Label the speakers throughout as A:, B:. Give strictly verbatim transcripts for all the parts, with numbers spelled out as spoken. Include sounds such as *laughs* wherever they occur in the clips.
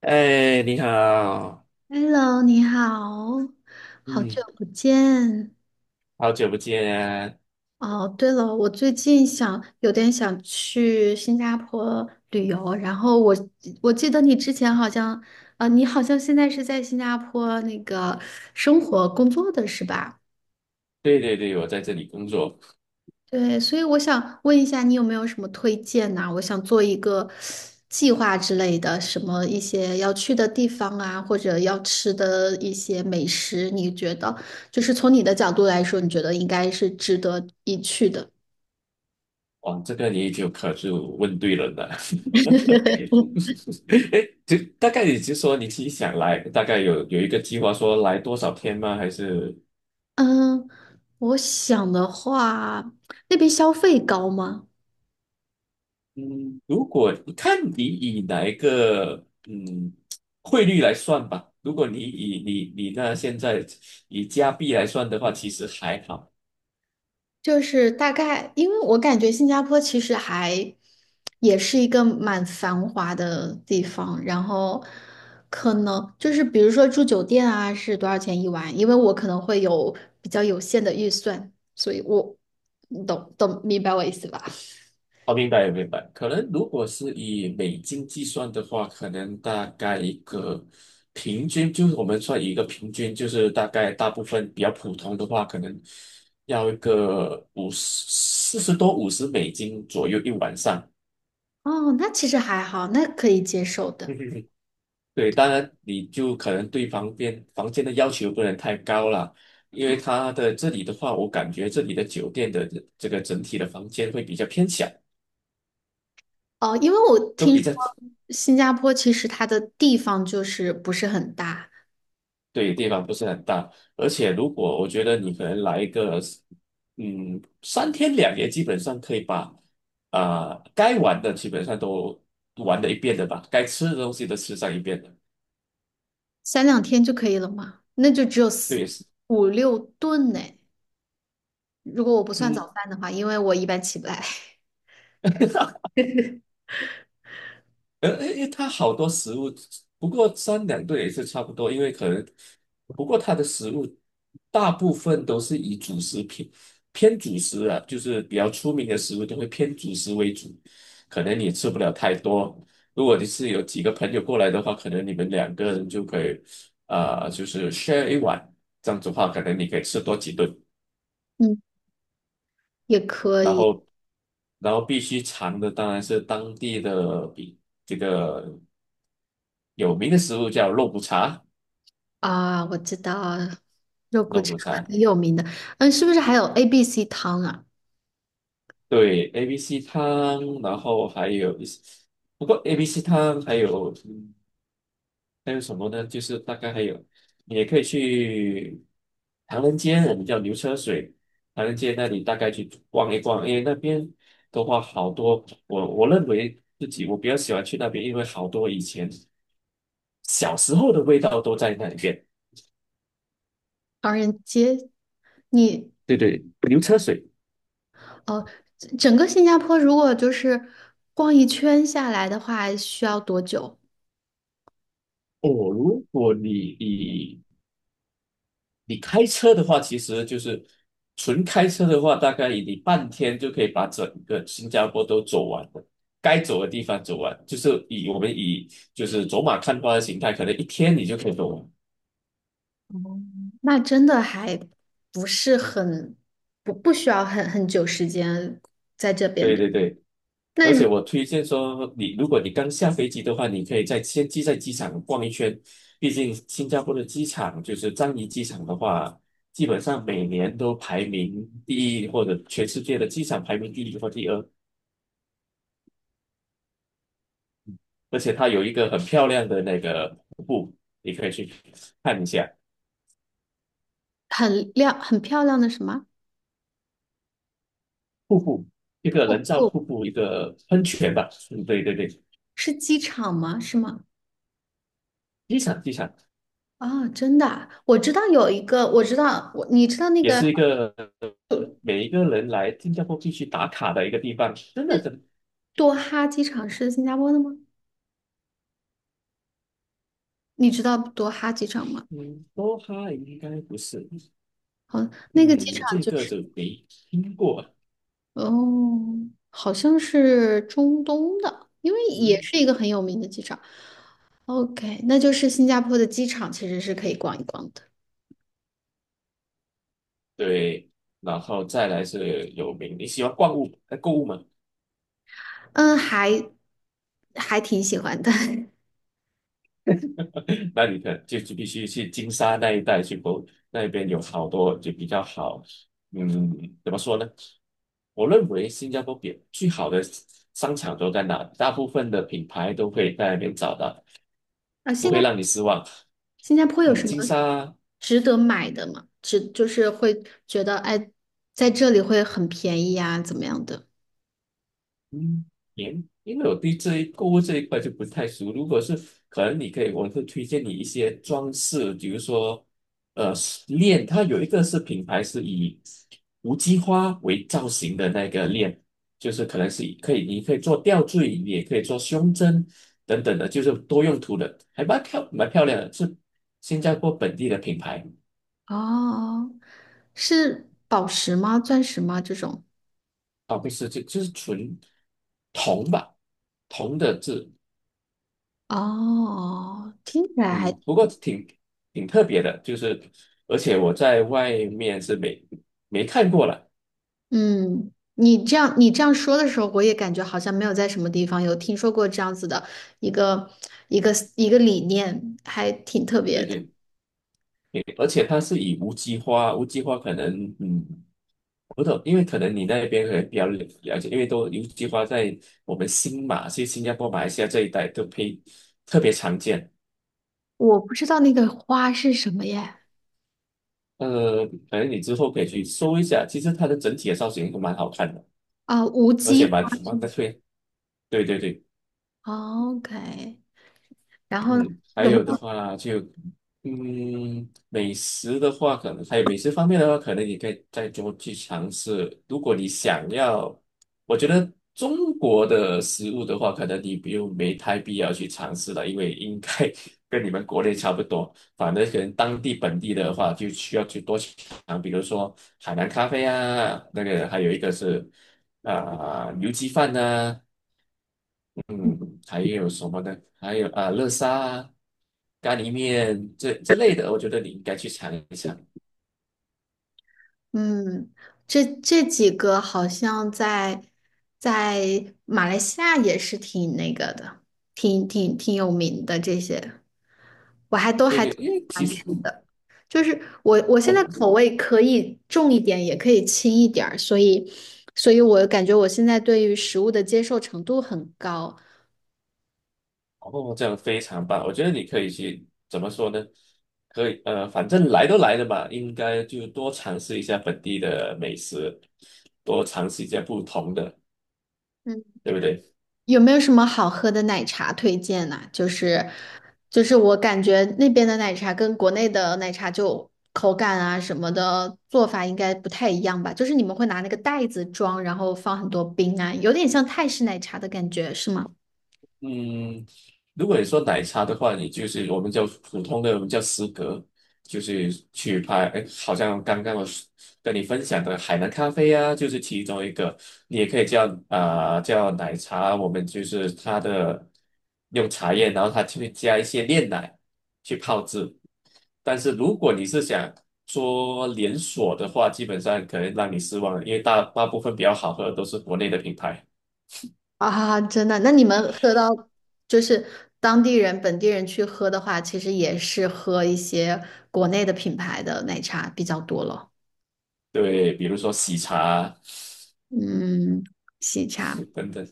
A: 哎，你好，
B: Hello，你好，好久
A: 嗯，
B: 不见。
A: 好久不见啊！
B: 哦，对了，我最近想有点想去新加坡旅游，然后我我记得你之前好像，啊，你好像现在是在新加坡那个生活工作的是吧？
A: 对对对，我在这里工作。
B: 对，所以我想问一下，你有没有什么推荐呐、我想做一个计划之类的，什么一些要去的地方啊，或者要吃的一些美食，你觉得就是从你的角度来说，你觉得应该是值得一去的？
A: 哇，这个你就可是问对人了。*laughs* 哎就大概你就说你自己想来，大概有有一个计划说来多少天吗？还是
B: 嗯，我想的话，那边消费高吗？
A: 嗯，如果看你以哪一个嗯汇率来算吧。如果你以你你那现在以加币来算的话，其实还好。
B: 就是大概，因为我感觉新加坡其实还也是一个蛮繁华的地方，然后可能就是比如说住酒店啊是多少钱一晚，因为我可能会有比较有限的预算，所以我你懂懂明白我意思吧？
A: 哦，明白明白。可能如果是以美金计算的话，可能大概一个平均，就是我们算一个平均，就是大概大部分比较普通的话，可能要一个五十四十多五十美金左右一晚上。
B: 哦，那其实还好，那可以接受的。
A: *laughs* 对，当然你就可能对房间房间的要求不能太高了，因为它的这里的话，我感觉这里的酒店的这这个整体的房间会比较偏小，
B: 哦，因为我
A: 都
B: 听
A: 比
B: 说
A: 较
B: 新加坡其实它的地方就是不是很大，
A: 对，地方不是很大，而且如果我觉得你可能来一个，嗯，三天两夜，基本上可以把啊、该玩的基本上都玩了一遍的吧，该吃的东西都吃上一遍的。
B: 三两天就可以了嘛，那就只有四
A: 对，是
B: 五六顿呢。如果我不算早
A: 嗯，
B: 饭的话，因为我一般起不来，
A: *laughs* 呃，因为它好多食物，不过三两顿也是差不多，因为可能，不过它的食物大部分都是以主食偏偏主食啊，就是比较出名的食物都会偏主食为主，可能你吃不了太多。如果你是有几个朋友过来的话，可能你们两个人就可以，啊、就是 share 一碗，这样子的话，可能你可以吃多几顿，
B: *laughs* 嗯，也可
A: 然
B: 以
A: 后，然后必须尝的当然是当地的比这个。有名的食物叫肉骨茶，
B: 啊。我知道肉骨
A: 肉
B: 茶
A: 骨茶，
B: 很有名的，嗯，是不是还有 A B C 汤啊？
A: 对，A B C 汤，然后还有一些，不过 A B C 汤还有嗯还有什么呢？就是大概还有，你也可以去唐人街，我们叫牛车水，唐人街那里大概去逛一逛，因为那边的话好多，我我认为自己我比较喜欢去那边，因为好多以前小时候的味道都在那里边。
B: 唐人街，你
A: 对对，牛车水。
B: 哦，整整个新加坡如果就是逛一圈下来的话，需要多久？
A: 哦，如果你以你开车的话，其实就是纯开车的话，大概你半天就可以把整个新加坡都走完的，该走的地方走完，就是以我们以就是走马看花的形态，可能一天你就可以走完。
B: 那真的还不是很不不需要很很久时间在这边
A: 对
B: 的。
A: 对对，
B: 那
A: 而
B: 如
A: 且我推荐说你，如果你刚下飞机的话，你可以在先机在机场逛一圈，毕竟新加坡的机场就是樟宜机场的话，基本上每年都排名第一，或者全世界的机场排名第一或第二。而且它有一个很漂亮的那个瀑布，你可以去看一下
B: 很亮很漂亮的什么？
A: 瀑布，一个人造
B: 不
A: 瀑布，一个喷泉吧。嗯，对对对，
B: 是机场吗？是吗？
A: 机场机场
B: 啊，真的啊我知道有一个，我知道我，你知道那
A: 也
B: 个
A: 是一个每一个人来新加坡必须打卡的一个地方，真的真的
B: 多哈机场是新加坡的吗？你知道多哈机场吗？
A: 嗯，多哈应该不是，
B: 好，那个机
A: 嗯，这
B: 场就
A: 个
B: 是，
A: 就没听过，
B: 哦，好像是中东的，因为也
A: 嗯，
B: 是一个很有名的机场。OK，那就是新加坡的机场其实是可以逛一逛的。
A: 对，然后再来是有名，你喜欢逛物呃购物吗？
B: 嗯，还还挺喜欢的。*laughs*
A: *laughs* 那你可就是必须去金沙那一带去博，那边有好多就比较好，嗯，怎么说呢？我认为新加坡比最好的商场都在哪？大部分的品牌都会在那边找到，
B: 啊，
A: 不
B: 新加
A: 会让你失望。
B: 新加坡有
A: 嗯，
B: 什么
A: 金沙。
B: 值得买的吗？值就是会觉得哎，在这里会很便宜啊，怎么样的？
A: 嗯，因因为我对这一购物这一块就不太熟。如果是可能，你可以，我会推荐你一些装饰，比如说，呃，链，它有一个是品牌是以无机花为造型的那个链，就是可能是以可以，你可以做吊坠，你也可以做胸针等等的，就是多用途的，还蛮漂蛮漂亮的，是新加坡本地的品牌
B: 哦，是宝石吗？钻石吗？这种？
A: 啊，不是，就就是纯铜吧，铜的字。
B: 哦，听起来
A: 嗯，
B: 还，
A: 不过挺挺特别的，就是而且我在外面是没没看过了，
B: 嗯，你这样你这样说的时候，我也感觉好像没有在什么地方有听说过这样子的一个一个一个理念，还挺特别
A: 对
B: 的。
A: 对，对而且它是以无机花，无机花可能嗯，不懂，因为可能你那边可能比较了了解，因为都无机花在我们新马，其实新加坡、马来西亚这一带都非特别常见，
B: 我不知道那个花是什么耶？
A: 呃，可能你之后可以去搜一下，其实它的整体的造型都蛮好看的，
B: 啊，无
A: 而
B: 机
A: 且
B: 花
A: 蛮
B: 是
A: 蛮特
B: 吗
A: 别，对对对。
B: ？OK，然后呢
A: 嗯，还
B: 有没
A: 有的
B: 有？
A: 话就，嗯，美食的话，可能还有美食方面的话，可能你可以再多去尝试。如果你想要，我觉得中国的食物的话，可能你不用没太必要去尝试了，因为应该 *laughs* 跟你们国内差不多。反正可能当地本地的话，就需要去多去尝，比如说海南咖啡啊，那个还有一个是啊、牛鸡饭呐、嗯，还有什么呢？还有啊，乐沙啊、咖喱面这这类的，我觉得你应该去尝一尝。
B: 嗯，这这几个好像在在马来西亚也是挺那个的，挺挺挺有名的这些
A: 对对，因为其
B: 餐厅
A: 实
B: 的。就是我我现在
A: 我
B: 口味可以重一点，也可以轻一点儿，所以所以我感觉我现在对于食物的接受程度很高。
A: 哦，这样非常棒。我觉得你可以去怎么说呢？可以呃，反正来都来了嘛，应该就多尝试一下本地的美食，多尝试一下不同的，
B: 嗯。
A: 对不对？
B: 有没有什么好喝的奶茶推荐呢、就是就是我感觉那边的奶茶跟国内的奶茶就口感啊什么的做法应该不太一样吧？就是你们会拿那个袋子装，然后放很多冰啊，有点像泰式奶茶的感觉，是吗？
A: 嗯，如果你说奶茶的话，你就是我们叫普通的，我们叫司格，就是去拍，哎，好像刚刚我是跟你分享的海南咖啡啊，就是其中一个，你也可以叫啊、呃叫奶茶，我们就是它的用茶叶，然后它就会加一些炼奶去泡制。但是如果你是想说连锁的话，基本上可能让你失望了，因为大大部分比较好喝的都是国内的品牌，
B: 啊，真的，那你们喝到就是当地人、本地人去喝的话，其实也是喝一些国内的品牌的奶茶比较多了。
A: 对，比如说喜茶啊
B: 嗯，喜茶
A: 等等。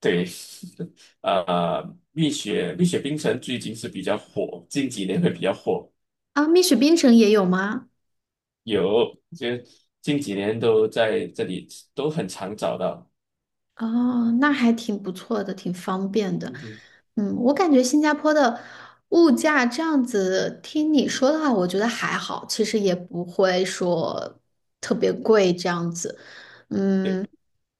A: 对，*laughs* 呃，蜜雪蜜雪冰城最近是比较火，近几年会比较火，
B: 啊，蜜雪冰城也有吗？
A: 有就近几年都在这里都很常找到。
B: 哦，那还挺不错的，挺方便的。
A: 嗯哼，
B: 嗯，我感觉新加坡的物价这样子，听你说的话，我觉得还好，其实也不会说特别贵这样子。嗯，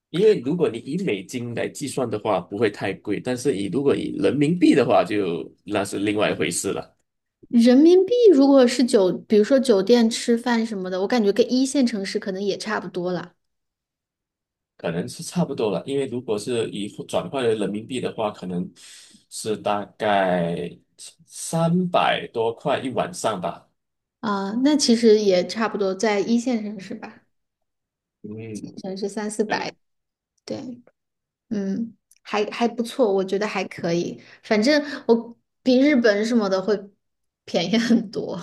A: 因为如果你以美金来计算的话，不会太贵，但是以如果以人民币的话就，那是另外一回事了，
B: 人民币如果是酒，比如说酒店吃饭什么的，我感觉跟一线城市可能也差不多了。
A: 可能是差不多了。因为如果是以转换为人民币的话，可能是大概三百多块一晚上吧。
B: 啊、那其实也差不多，在一线城市吧，
A: 嗯，
B: 城市三四
A: 对。
B: 百，对。嗯，还还不错，我觉得还可以。反正我比日本什么的会便宜很多，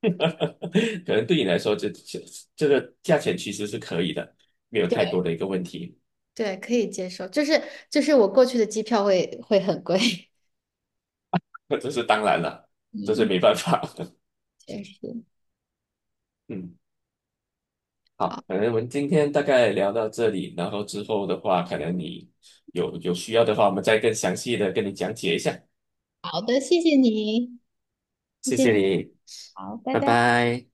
A: *laughs* 可能对你来说，这这这个价钱其实是可以的，没有太多
B: *laughs*
A: 的一个问题。
B: 对，可以接受。就是就是我过去的机票会会很贵。
A: *laughs* 这是当然了，
B: *laughs*
A: 这是
B: 嗯，
A: 没办法。
B: 确实。
A: *laughs* 嗯，好，可
B: 好
A: 能我们今天大概聊到这里，然后之后的话，可能你有有需要的话，我们再更详细的跟你讲解一下。
B: 好的，谢谢你，谢
A: 谢
B: 谢
A: 谢
B: 你。
A: 你，拜拜。